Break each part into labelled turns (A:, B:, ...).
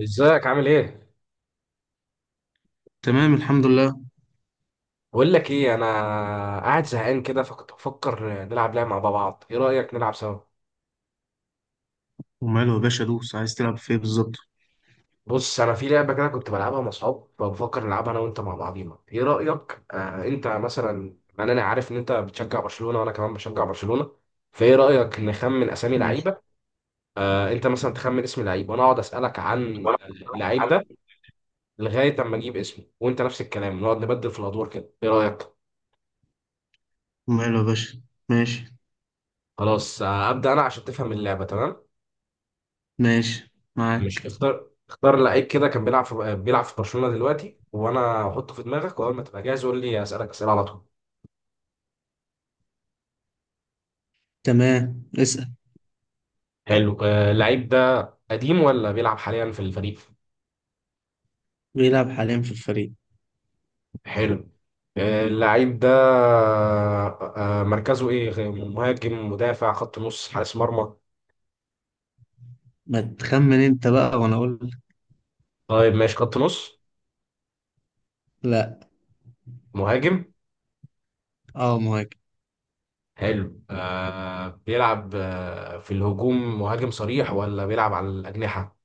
A: ازيك عامل ايه؟
B: تمام، الحمد لله.
A: بقول لك ايه، انا قاعد زهقان كده، فكنت بفكر نلعب لعبه مع بعض. ايه رايك نلعب سوا؟
B: وماله يا باشا دوس، عايز تلعب في ايه بالظبط؟
A: بص، انا في لعبه كده كنت بلعبها مع اصحاب، فبفكر نلعبها انا وانت مع بعضينا. ايه رايك؟ انت مثلا، انا عارف ان انت بتشجع برشلونه وانا كمان بشجع برشلونه. فايه رايك نخمن اسامي
B: ماشي.
A: لعيبه؟ انت مثلا تخمن اسم لعيب وانا اقعد اسالك عن
B: ولا.
A: اللعيب
B: حل.
A: ده لغايه اما اجيب اسمه، وانت نفس الكلام، نقعد نبدل في الادوار كده. ايه رايك؟
B: وماله يا باشا. ماشي.
A: خلاص. ابدا. انا عشان تفهم اللعبه تمام،
B: ماشي
A: مش
B: معاك.
A: اختار لعيب كده كان بيلعب في برشلونة دلوقتي، وانا هحطه في دماغك، واول ما تبقى جاهز قول لي، اسالك اسئله على طول.
B: تمام، اسأل.
A: حلو. اللعيب ده قديم ولا بيلعب حاليا في الفريق؟
B: بيلعب حاليا في الفريق.
A: حلو. اللعيب ده، مركزه ايه، مهاجم، مدافع، خط نص، حارس مرمى؟
B: ما تخمن انت بقى وانا اقول لك.
A: طيب ماشي، خط نص.
B: لا.
A: مهاجم.
B: اه، مهاجم.
A: حلو. بيلعب في الهجوم، مهاجم صريح ولا بيلعب على الأجنحة؟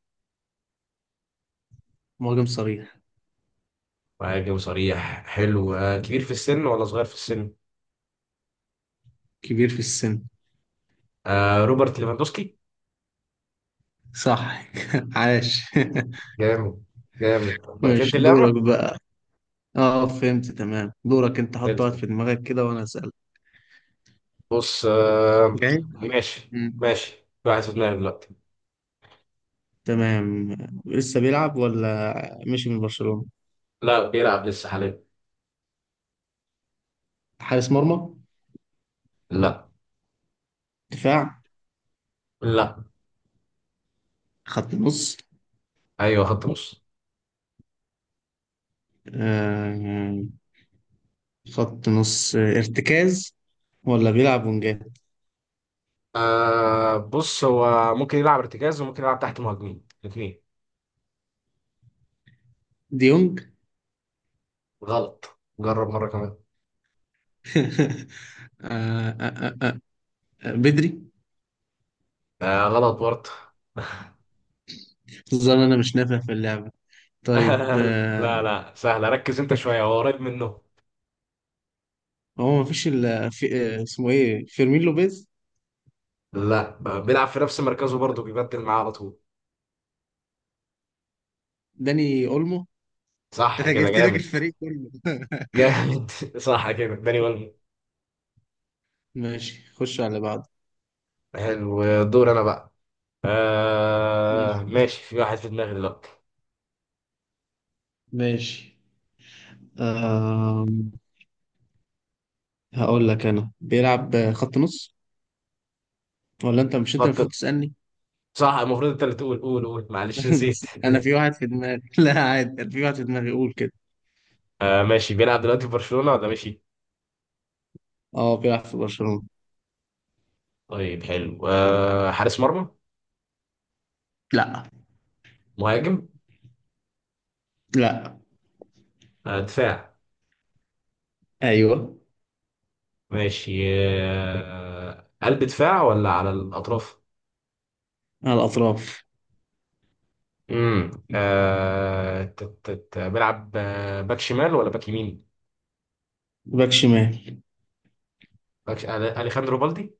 B: مهاجم صريح.
A: مهاجم صريح. حلو. كبير في السن ولا صغير في السن؟
B: كبير في السن.
A: روبرت ليفاندوسكي.
B: صح. عاش.
A: جامد. جامد بقى، فهمت
B: ماشي،
A: اللعبة؟
B: دورك بقى. اه، فهمت تمام. دورك انت،
A: زي
B: حط واحد
A: الفل.
B: في دماغك كده وانا اسألك.
A: بص.
B: جاي.
A: ماشي
B: مم.
A: ماشي، في واحد في دماغي دلوقتي.
B: تمام. لسه بيلعب ولا مشي من برشلونة؟
A: لا بيلعب لسه حاليا.
B: حارس مرمى.
A: لا،
B: دفاع.
A: لا.
B: خط نص.
A: ايوه خط نص.
B: آه. خط نص، ارتكاز. ولا بيلعب ونجات؟
A: بص، هو ممكن يلعب ارتكاز وممكن يلعب تحت مهاجمين، الاثنين.
B: ديونج
A: غلط، جرب مرة كمان.
B: آه آه آه آه بدري.
A: غلط برضه.
B: ظن انا مش نافع في اللعبة. طيب
A: لا لا، سهلة، ركز انت شوية، هو قريب منه.
B: هو مفيش الا في. اسمه ايه؟ فيرمين لوبيز.
A: لا، بيلعب في نفس مركزه برضه، بيبدل معاه على طول.
B: داني اولمو.
A: صح
B: انا
A: كده،
B: جبت لك
A: جامد.
B: الفريق كله
A: جامد. صح كده، داني.
B: ماشي، خش على بعض.
A: حلو. دور انا بقى.
B: ماشي
A: ماشي، في واحد في دماغي دلوقتي.
B: ماشي. آه هقول لك انا بيلعب خط نص. ولا انت؟ مش انت
A: حط.
B: المفروض تسألني؟
A: صح، المفروض انت اللي تقول، قول قول، معلش نسيت.
B: انا في واحد في دماغي. لا عادي، أنا في واحد في دماغي، قول كده.
A: ماشي، بيلعب دلوقتي في برشلونة ولا ماشي؟
B: اه، بيلعب في برشلونة.
A: طيب حلو. حارس مرمى؟
B: لا.
A: مهاجم؟
B: لا.
A: دفاع؟
B: ايوه.
A: ماشي. قلب دفاع ولا على الأطراف؟
B: على الاطراف.
A: بيلعب، باك شمال ولا باك يمين؟
B: باك شمال.
A: أليخاندرو بالدي.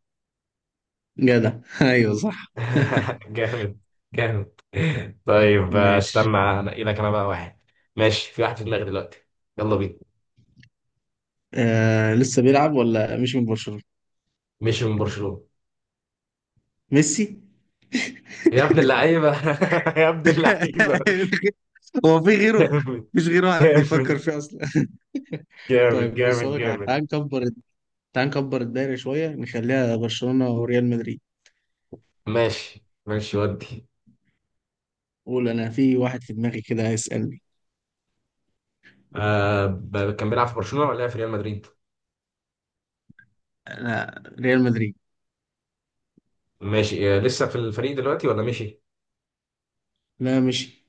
B: جدع ايوه صح
A: جامد. جامد. طيب
B: ماشي.
A: استنى، انقي لك انا بقى واحد. ماشي، في واحد في دماغي دلوقتي. يلا بينا.
B: لسه بيلعب ولا مش من برشلونة؟
A: مشي من برشلونة.
B: ميسي.
A: يا ابن اللعيبة. يا ابن اللعيبة.
B: هو في غيره.
A: جامد.
B: مش غيره حد
A: جامد
B: يفكر فيه اصلا
A: جامد
B: طيب، بص
A: جامد
B: اقول لك على حاجة.
A: جامد.
B: تعال نكبر. تعال نكبر الدايرة شوية، نخليها برشلونة وريال مدريد.
A: ماشي ماشي ودي.
B: قول انا في واحد في دماغي كده، هيسألني.
A: كان بيلعب في برشلونة ولا لعب في ريال مدريد؟
B: لا، ريال مدريد.
A: ماشي. لسه في الفريق دلوقتي ولا مشي؟
B: لا، مشي.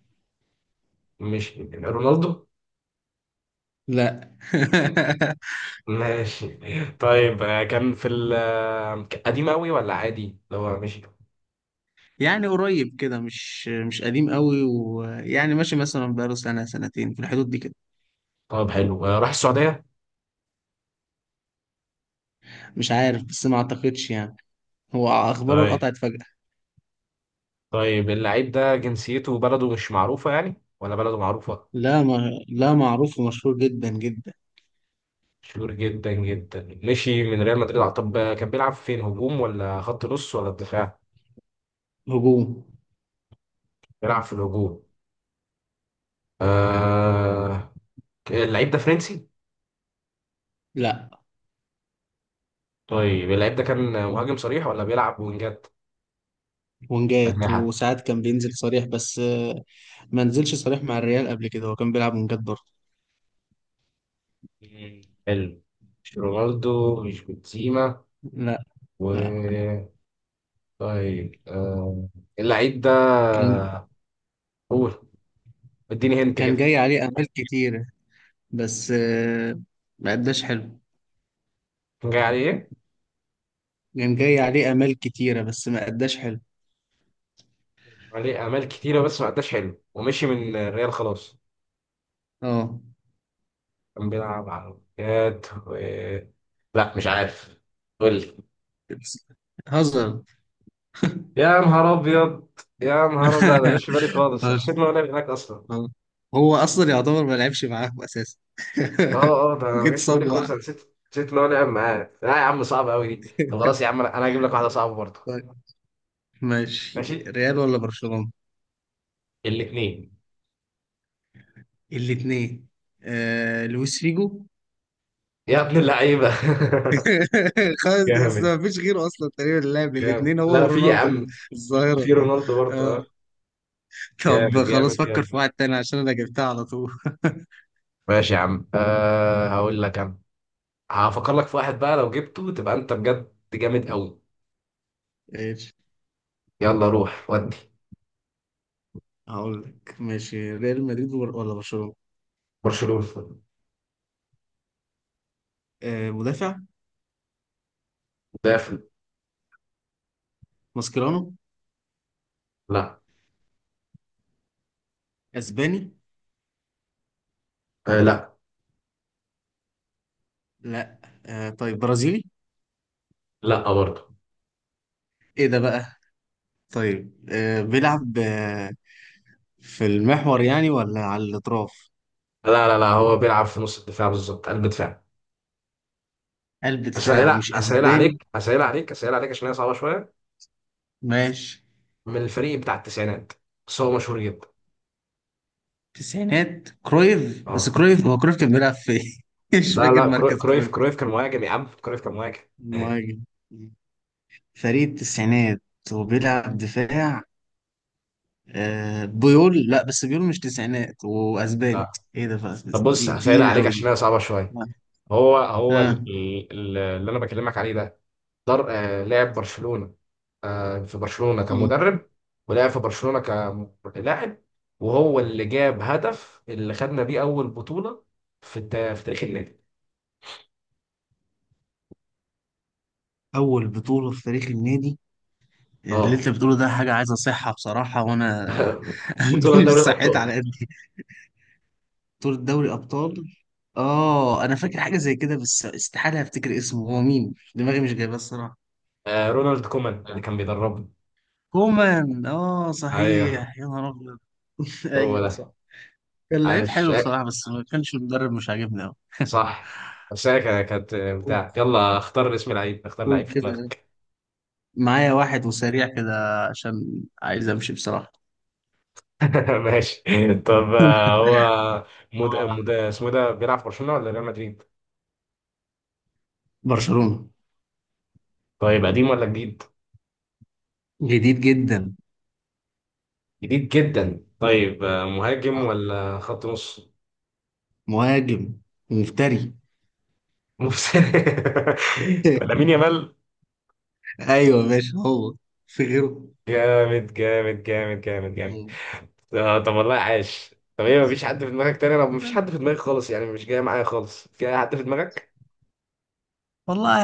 A: مشي رونالدو؟
B: لا
A: ماشي. طيب، آه كان في ال آه، قديم قوي ولا عادي اللي هو مشي؟
B: يعني قريب كده، مش قديم قوي، ويعني ماشي مثلا، بقاله سنة سنتين في الحدود دي كده.
A: طب حلو. راح السعودية؟
B: مش عارف بس ما اعتقدش يعني. هو اخباره
A: طيب.
B: اتقطعت فجأة.
A: طيب، اللعيب ده جنسيته وبلده مش معروفة يعني ولا بلده معروفة؟
B: لا، ما، لا معروف ومشهور جدا جدا.
A: مشهور جدا جدا، مشي من ريال مدريد. طب، كان بيلعب فين، هجوم ولا خط نص ولا دفاع؟
B: هجوم.
A: بيلعب في الهجوم. آه... اللعيب ده فرنسي؟
B: لا.
A: طيب، اللعيب ده كان مهاجم صريح ولا بيلعب وينجات؟
B: ونجات،
A: أجنحة.
B: وساعات كان بينزل صريح بس ما نزلش صريح مع الريال قبل كده. هو كان بيلعب ونجات برضه.
A: مم. حلو. مش رونالدو، مش بنزيما،
B: لا.
A: و...
B: لا.
A: طيب، اللعيب ده،
B: كان
A: قول، اديني هنت
B: كان
A: كده.
B: جاي عليه امال كتيرة بس ما اداش حلو.
A: كان جاي عليه ايه؟
B: كان جاي عليه امال كتيرة بس ما اداش حلو.
A: عليه اعمال كتيره بس ما اداش حلو، ومشي من الريال خلاص.
B: اه.
A: كان بيلعب على الجهاد و... لا مش عارف، قول لي.
B: بس- هزر.
A: يا نهار ابيض. يا نهار ابيض، لا، ده ما جاش في بالي خالص، أنا
B: هزر.
A: نسيت ان هو لعب هناك اصلا.
B: هو اصلا يعتبر ما لعبش معاهم اساسا
A: اه، اه، ده انا ما
B: وكنت
A: جاش في
B: صاب
A: بالي
B: وقع.
A: خالص، انا نسيت ان هو لعب معاه. لا يا عم، صعب قوي دي. طب خلاص يا عم، انا هجيب لك واحده صعبه برضه.
B: طيب.
A: ماشي.
B: ماشي. ريال ولا برشلونة؟
A: الاثنين.
B: الاثنين. لويس فيجو.
A: يا ابن اللعيبه.
B: خلاص،
A: جامد.
B: ده ما فيش غيره اصلا تقريبا، اللاعب
A: جامد،
B: الاثنين هو
A: لا في يا
B: ورونالدو.
A: عم،
B: الظاهرة.
A: في رونالدو برضه،
B: اه.
A: اه. جامد.
B: طب
A: جامد
B: خلاص، فكر في
A: جامد.
B: واحد تاني عشان انا جبتها على طول
A: ماشي يا عم، هقول لك انا. هفكر لك في واحد بقى، لو جبته تبقى انت بجد جامد قوي.
B: ايش.
A: يلا روح ودي.
B: هقول لك. ماشي، ريال مدريد ولا برشلونة؟
A: برشلونة.
B: مدافع.
A: دافع.
B: ماسكيرانو.
A: لا.
B: اسباني.
A: لا.
B: لا. طيب، برازيلي؟
A: لا برضه.
B: ايه ده بقى. طيب، بيلعب في المحور يعني ولا على الاطراف؟
A: لا لا لا، هو بيلعب في نص الدفاع بالظبط، قلب دفاع.
B: قلب
A: اسهل
B: دفاع ومش
A: اسهل
B: اسباني؟
A: عليك، اسهل عليك، اسهل عليك، عشان هي صعبه شويه.
B: ماشي.
A: من الفريق بتاع التسعينات، بس هو مشهور جدا.
B: تسعينات كرويف. بس
A: اه.
B: كرويف، هو كرويف كان بيلعب في مش
A: لا
B: فاكر
A: لا،
B: مركز
A: كرويف
B: كرويف.
A: كرويف كان مهاجم يا عم، كرويف كان مهاجم.
B: مهاجم. فريق التسعينات، وبيلعب دفاع. بيول؟ لا بس بيول مش تسعينات واسباني،
A: لا.
B: ايه ده بقى.
A: طب بص، هسهل
B: تقيل
A: عليك
B: قوي
A: عشان
B: دي.
A: هي صعبه شويه.
B: ها.
A: هو هو
B: آه.
A: اللي انا بكلمك عليه ده، در آه لاعب برشلونة، في برشلونة
B: آه.
A: كمدرب، ولعب في برشلونة كلاعب، وهو اللي جاب هدف اللي خدنا بيه أول بطولة في تاريخ النادي.
B: أول بطولة في تاريخ النادي. اللي انت
A: اه،
B: بتقوله ده حاجة عايز اصحها بصراحة، وانا
A: بطولة
B: قلبي مش
A: دوري
B: صحيت
A: الأبطال.
B: على قدي. بطولة دوري ابطال. اه، انا فاكر حاجة زي كده بس استحالة افتكر اسمه. هو مين؟ دماغي مش جايباه الصراحة.
A: رونالد كومان اللي كان بيدربنا.
B: كومان، اه
A: ايوه
B: صحيح، يا نهار ابيض.
A: هو
B: ايوه
A: ده.
B: صح. كان لعيب
A: عاش.
B: حلو بصراحة، بس ما كانش، المدرب مش عاجبني قوي.
A: صح. بس انا كانت
B: قول.
A: بتاع يلا اختار اسم لعيب، اختار
B: قول
A: لعيب في
B: كده.
A: دماغك.
B: معايا واحد وسريع كده، عشان عايز امشي بصراحة.
A: ماشي. طب، هو اسمه ده بيلعب في برشلونة ولا ريال مدريد؟
B: برشلونة.
A: طيب قديم ولا جديد؟
B: جديد جدا.
A: جديد جدا. طيب، مهاجم ولا خط نص؟
B: مهاجم. ومفتري.
A: نص. لامين يامال.
B: ايوه ماشي. هو في غيره.
A: جامد جامد جامد جامد جامد.
B: مم.
A: طب والله عاش. طب ايه، مفيش حد في دماغك تاني؟ لو مفيش حد في دماغي خالص يعني، مش جاي معايا خالص، جاي حد في دماغك؟
B: والله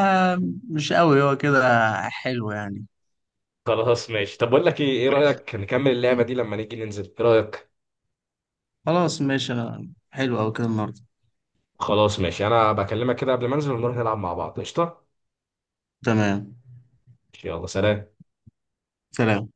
B: مش قوي. هو كده حلو يعني.
A: خلاص ماشي. طب بقول لك ايه، ايه
B: ماشي.
A: رأيك نكمل اللعبة
B: مم.
A: دي لما نيجي ننزل، ايه رأيك؟
B: خلاص ماشي. حلو أوي كده النهارده.
A: خلاص ماشي، انا بكلمك كده قبل ما انزل ونروح نلعب مع بعض، قشطة؟
B: تمام.
A: يلا سلام.
B: سلام.